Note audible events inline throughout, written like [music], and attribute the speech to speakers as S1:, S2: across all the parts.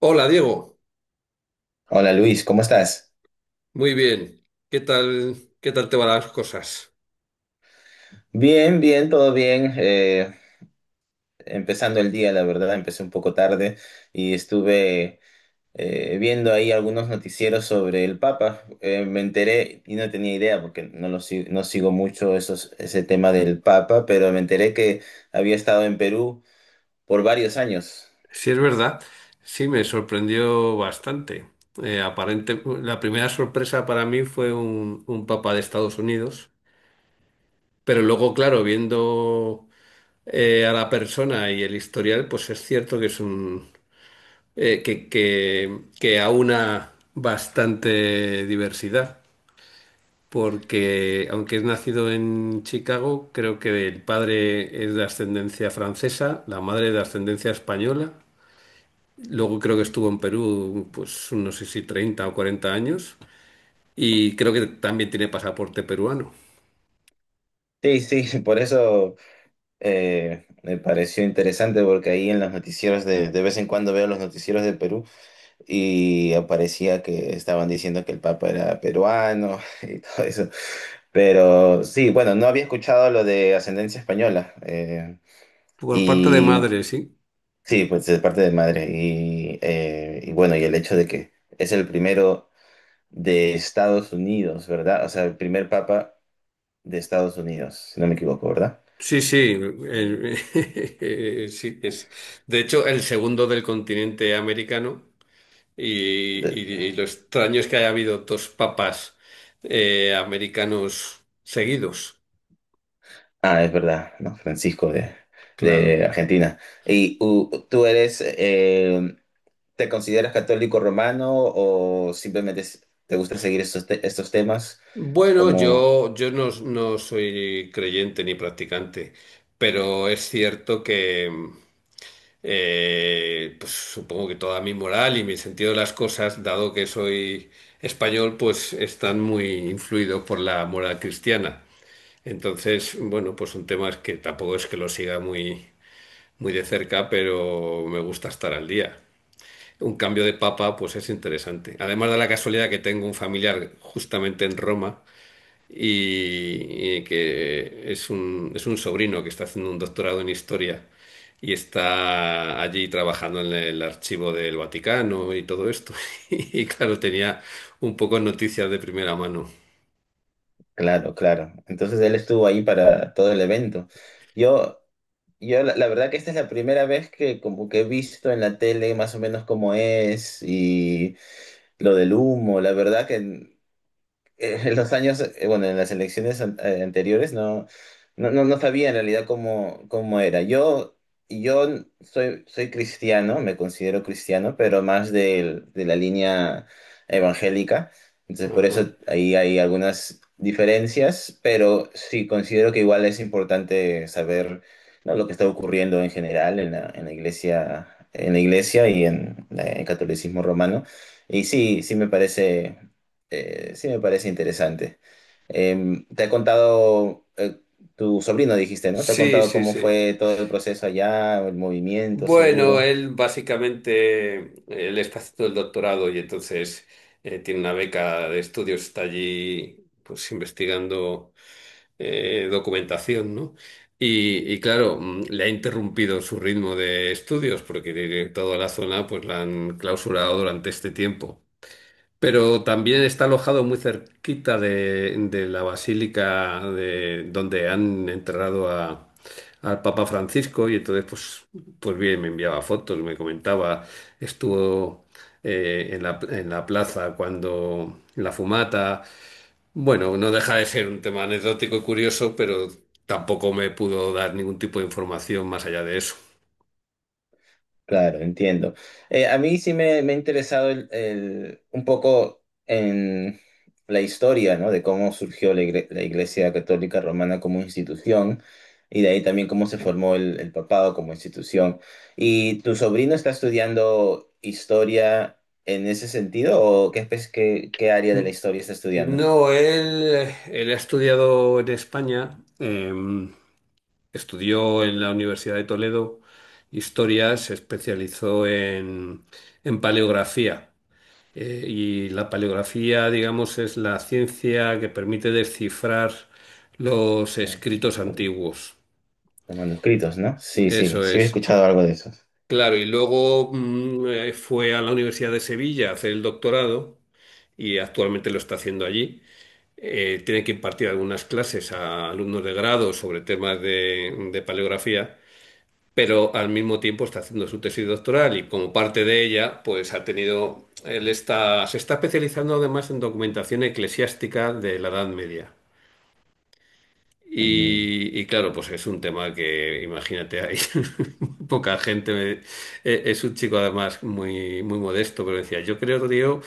S1: Hola, Diego,
S2: Hola Luis, ¿cómo estás?
S1: muy bien. ¿Qué tal, qué tal te van las cosas?
S2: Bien, bien, todo bien. Empezando el día, la verdad, empecé un poco tarde y estuve viendo ahí algunos noticieros sobre el Papa. Me enteré y no tenía idea porque no sigo mucho ese tema del Papa, pero me enteré que había estado en Perú por varios años.
S1: Sí, es verdad. Sí, me sorprendió bastante. Aparente, la primera sorpresa para mí fue un papa de Estados Unidos, pero luego, claro, viendo a la persona y el historial, pues es cierto que es un que aúna bastante diversidad, porque aunque es nacido en Chicago, creo que el padre es de ascendencia francesa, la madre de ascendencia española. Luego creo que estuvo en Perú pues no sé si 30 o 40 años, y creo que también tiene pasaporte peruano.
S2: Sí, sí, [laughs] por eso me pareció interesante porque ahí en los noticieros de vez en cuando veo los noticieros de Perú. Y aparecía que estaban diciendo que el Papa era peruano [laughs] y todo eso. Pero sí, bueno, no había escuchado lo de ascendencia española.
S1: Por parte de
S2: Y
S1: madre, sí.
S2: sí, pues de parte de madre. Y bueno, y el hecho de que es el primero de Estados Unidos, ¿verdad? O sea, el primer Papa de Estados Unidos, si no me equivoco, ¿verdad?
S1: Sí, sí. [laughs] Sí, es. De hecho, el segundo del continente americano, y,
S2: De-
S1: y- y lo extraño es que haya habido dos papas americanos seguidos.
S2: ah, es verdad, ¿no? Francisco de
S1: Claro.
S2: Argentina. Tú eres... ¿Te consideras católico romano o simplemente te gusta seguir estos temas?
S1: Bueno,
S2: Como,
S1: yo no soy creyente ni practicante, pero es cierto que pues, supongo que toda mi moral y mi sentido de las cosas, dado que soy español, pues están muy influidos por la moral cristiana. Entonces, bueno, pues son temas que tampoco es que lo siga muy de cerca, pero me gusta estar al día. Un cambio de papa, pues es interesante. Además, de la casualidad que tengo un familiar justamente en Roma, y que es un sobrino que está haciendo un doctorado en historia y está allí trabajando en el archivo del Vaticano y todo esto. [laughs] Y claro, tenía un poco noticias de primera mano.
S2: claro, claro. Entonces él estuvo ahí para todo el evento. Yo, yo la verdad que esta es la primera vez que como que he visto en la tele más o menos cómo es y lo del humo. La verdad que en los años, bueno, en las elecciones anteriores no sabía en realidad cómo, cómo era. Yo soy, soy cristiano, me considero cristiano, pero más de la línea evangélica. Entonces, por
S1: Ajá.
S2: eso ahí hay algunas diferencias, pero sí considero que igual es importante saber, ¿no? Lo que está ocurriendo en general en la iglesia y en en el catolicismo romano. Y sí, sí me parece interesante. Te ha contado, tu sobrino dijiste, ¿no? Te ha
S1: Sí,
S2: contado
S1: sí,
S2: cómo
S1: sí.
S2: fue todo el proceso allá, el movimiento,
S1: Bueno,
S2: seguro.
S1: él básicamente, él está haciendo el doctorado y entonces tiene una beca de estudios, está allí pues investigando documentación, ¿no? Y claro, le ha interrumpido su ritmo de estudios porque toda la zona pues la han clausurado durante este tiempo. Pero también está alojado muy cerquita de la basílica de, donde han enterrado a, al Papa Francisco, y entonces pues, pues bien, me enviaba fotos, me comentaba, estuvo en la plaza cuando en la fumata. Bueno, no deja de ser un tema anecdótico y curioso, pero tampoco me pudo dar ningún tipo de información más allá de eso.
S2: Claro, entiendo. A mí sí me ha interesado un poco en la historia, ¿no? De cómo surgió la Iglesia Católica Romana como institución y de ahí también cómo se formó el papado como institución. ¿Y tu sobrino está estudiando historia en ese sentido o qué, qué área de la
S1: N-
S2: historia está estudiando?
S1: No, él ha estudiado en España, estudió en la Universidad de Toledo historia, se especializó en paleografía. Y la paleografía, digamos, es la ciencia que permite descifrar los
S2: Los,
S1: escritos
S2: los
S1: antiguos.
S2: manuscritos, ¿no? Sí, sí,
S1: Eso
S2: sí he
S1: es.
S2: escuchado algo de eso.
S1: Claro, y luego fue a la Universidad de Sevilla a hacer el doctorado y actualmente lo está haciendo allí. Tiene que impartir algunas clases a alumnos de grado sobre temas de paleografía, pero al mismo tiempo está haciendo su tesis doctoral y, como parte de ella, pues ha tenido, él está, se está especializando además en documentación eclesiástica de la Edad Media.
S2: Mm,
S1: Y claro, pues es un tema que, imagínate, hay [laughs] poca gente. Es un chico además muy modesto, pero decía, yo creo, tío,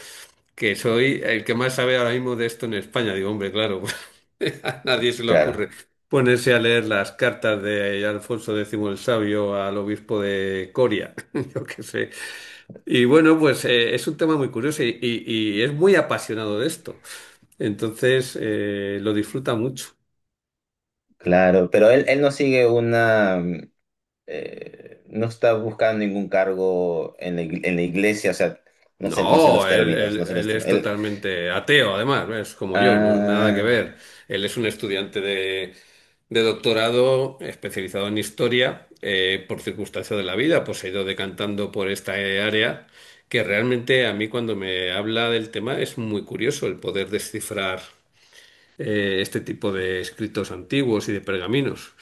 S1: que soy el que más sabe ahora mismo de esto en España. Digo, hombre, claro, [laughs] a nadie se le
S2: claro,
S1: ocurre ponerse a leer las cartas de Alfonso X el Sabio al obispo de Coria, [laughs] yo qué sé. Y bueno, pues es un tema muy curioso y es muy apasionado de esto. Entonces, lo disfruta mucho.
S2: claro, pero él no sigue una, no está buscando ningún cargo en en la iglesia, o sea, no sé, no sé los
S1: No,
S2: términos, no sé los
S1: él es
S2: términos. Él-
S1: totalmente ateo, además, es como yo, nada que
S2: ah,
S1: ver. Él es un estudiante de doctorado especializado en historia, por circunstancia de la vida, pues se ha ido decantando por esta área, que realmente a mí cuando me habla del tema es muy curioso el poder descifrar este tipo de escritos antiguos y de pergaminos.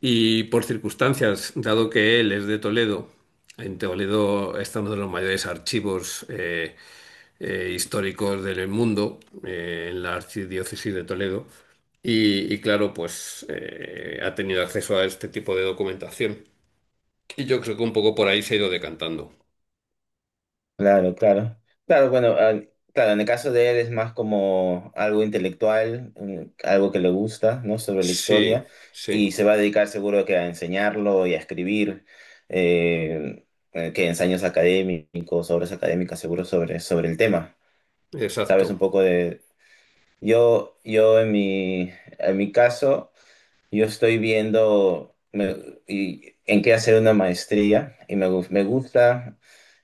S1: Y por circunstancias, dado que él es de Toledo, en Toledo está uno de los mayores archivos históricos del mundo, en la archidiócesis de Toledo, y claro, pues ha tenido acceso a este tipo de documentación. Y yo creo que un poco por ahí se ha ido decantando.
S2: claro, claro. Claro, bueno, ah, claro, en el caso de él es más como algo intelectual, mm, algo que le gusta, ¿no? Sobre la
S1: Sí,
S2: historia,
S1: sí,
S2: y se va a dedicar seguro que a enseñarlo y a escribir. eh, que ensayos académicos, obras académicas, seguro sobre, sobre el tema. ¿Sabes un
S1: exacto.
S2: poco de... Yo en mi caso, yo estoy en qué hacer una maestría y me, me gusta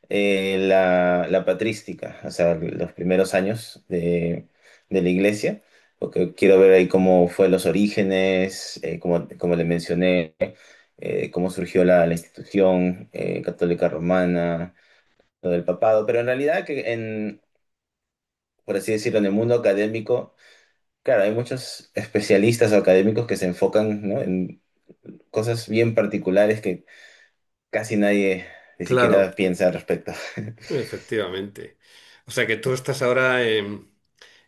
S2: la, la patrística, o sea, los primeros años de la iglesia, porque quiero ver ahí cómo fue los orígenes, como, como le mencioné, cómo surgió la, la institución católica romana, lo del papado, pero en realidad que en, por así decirlo, en el mundo académico, claro, hay muchos especialistas o académicos que se enfocan, ¿no? Cosas bien particulares que casi nadie ni
S1: Claro,
S2: siquiera piensa al respecto. [laughs]
S1: efectivamente. O sea que tú estás ahora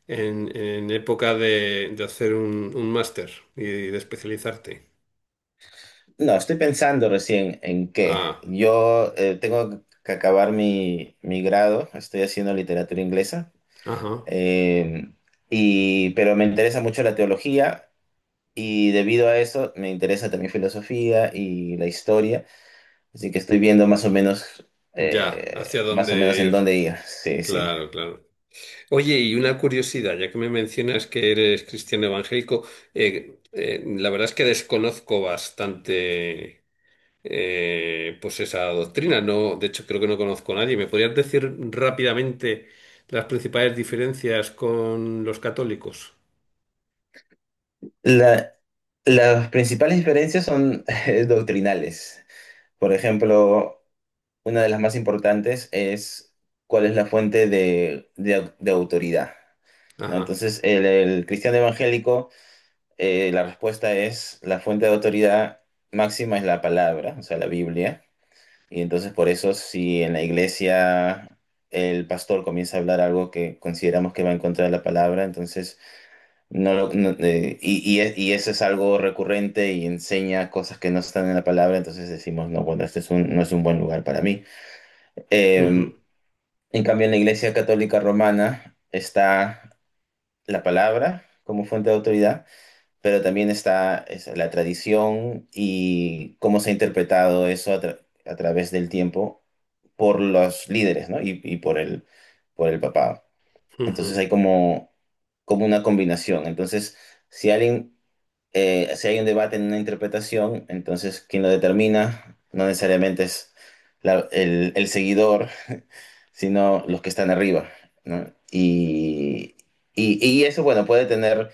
S1: en época de hacer un máster y de especializarte.
S2: No, estoy pensando recién en qué.
S1: Ah,
S2: Yo tengo que acabar mi, mi grado, estoy haciendo literatura inglesa,
S1: ajá,
S2: eh, y, pero me interesa mucho la teología y debido a eso me interesa también filosofía y la historia, así que estoy viendo
S1: ya, hacia
S2: más o menos
S1: dónde
S2: en
S1: ir.
S2: dónde ir. Sí, sí.
S1: Claro, claro. Oye, y una curiosidad, ya que me mencionas que eres cristiano evangélico, la verdad es que desconozco bastante pues esa doctrina. No, de hecho, creo que no conozco a nadie. ¿Me podrías decir rápidamente las principales diferencias con los católicos?
S2: La- las principales diferencias son [laughs] doctrinales. Por ejemplo, una de las más importantes es cuál es la fuente de, de autoridad, ¿no?
S1: Ajá.
S2: Entonces, el cristiano evangélico, la respuesta es la fuente de autoridad máxima es la palabra, o sea, la Biblia. Y entonces, por eso, si en la iglesia el pastor comienza a hablar algo que consideramos que va en contra de la palabra, entonces, no, y y eso es algo recurrente y enseña cosas que no están en la palabra, entonces decimos, no, bueno, este es no es un buen lugar para mí. Eh,
S1: Ujú,
S2: en cambio, en la Iglesia Católica Romana está la palabra como fuente de autoridad, pero también está es, la tradición y cómo se ha interpretado eso a, a través del tiempo por los líderes, ¿no? Y por el papado. Entonces
S1: ujú.
S2: hay como, como una combinación. Entonces, si alguien, si hay un debate en una interpretación, entonces quien lo determina no necesariamente es el seguidor sino los que están arriba, ¿no? Y eso, bueno, puede tener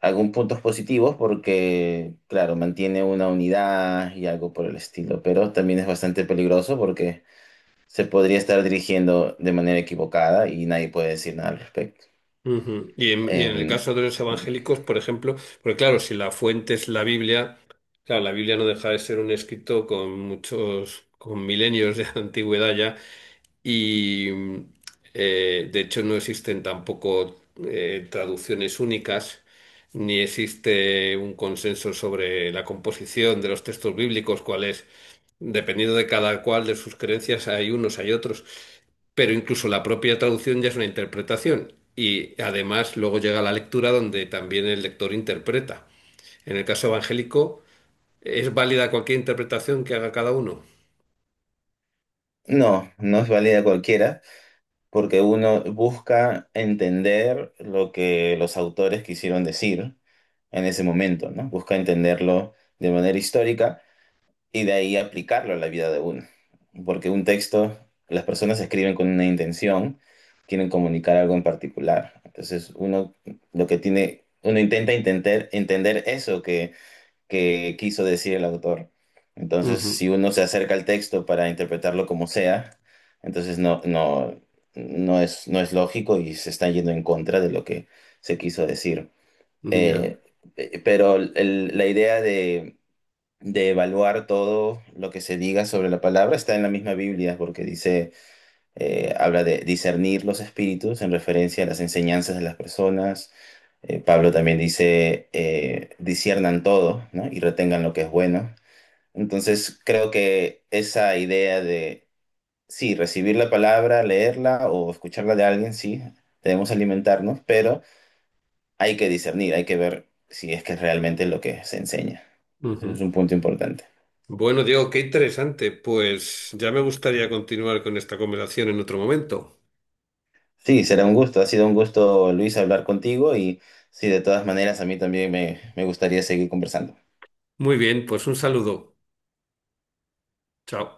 S2: algunos puntos positivos porque, claro, mantiene una unidad y algo por el estilo, pero también es bastante peligroso porque se podría estar dirigiendo de manera equivocada y nadie puede decir nada al respecto.
S1: Ujú. Y en el
S2: Em,
S1: caso de los evangélicos, por ejemplo, porque claro, si la fuente es la Biblia, claro, la Biblia no deja de ser un escrito con muchos, con milenios de [laughs] antigüedad ya, y de hecho no existen tampoco traducciones únicas, ni existe un consenso sobre la composición de los textos bíblicos, cuál es, dependiendo de cada cual de sus creencias, hay unos, hay otros, pero incluso la propia traducción ya es una interpretación. Y además luego llega la lectura donde también el lector interpreta. En el caso evangélico, ¿es válida cualquier interpretación que haga cada uno?
S2: no, no es válida cualquiera, porque uno busca entender lo que los autores quisieron decir en ese momento, ¿no? Busca entenderlo de manera histórica y de ahí aplicarlo a la vida de uno. Porque un texto, las personas escriben con una intención, quieren comunicar algo en particular. Entonces uno lo que tiene, uno intenta entender, entender eso que quiso decir el autor. Entonces
S1: Ujú,
S2: si uno se acerca al texto para interpretarlo como sea, entonces no es, no es lógico y se está yendo en contra de lo que se quiso decir.
S1: ya.
S2: Eh, pero la idea de evaluar todo lo que se diga sobre la palabra está en la misma Biblia, porque dice, habla de discernir los espíritus en referencia a las enseñanzas de las personas. Pablo también dice, disciernan todo, ¿no? Y retengan lo que es bueno. Entonces, creo que esa idea de, sí, recibir la palabra, leerla o escucharla de alguien, sí, debemos alimentarnos, pero hay que discernir, hay que ver si es que es realmente lo que se enseña. Entonces, es
S1: Ujú.
S2: un punto importante.
S1: Bueno, Diego, qué interesante. Pues ya me gustaría continuar con esta conversación en otro momento.
S2: Sí, será un gusto. Ha sido un gusto, Luis, hablar contigo y sí, de todas maneras, a mí también me gustaría seguir conversando.
S1: Muy bien, pues un saludo. Chao.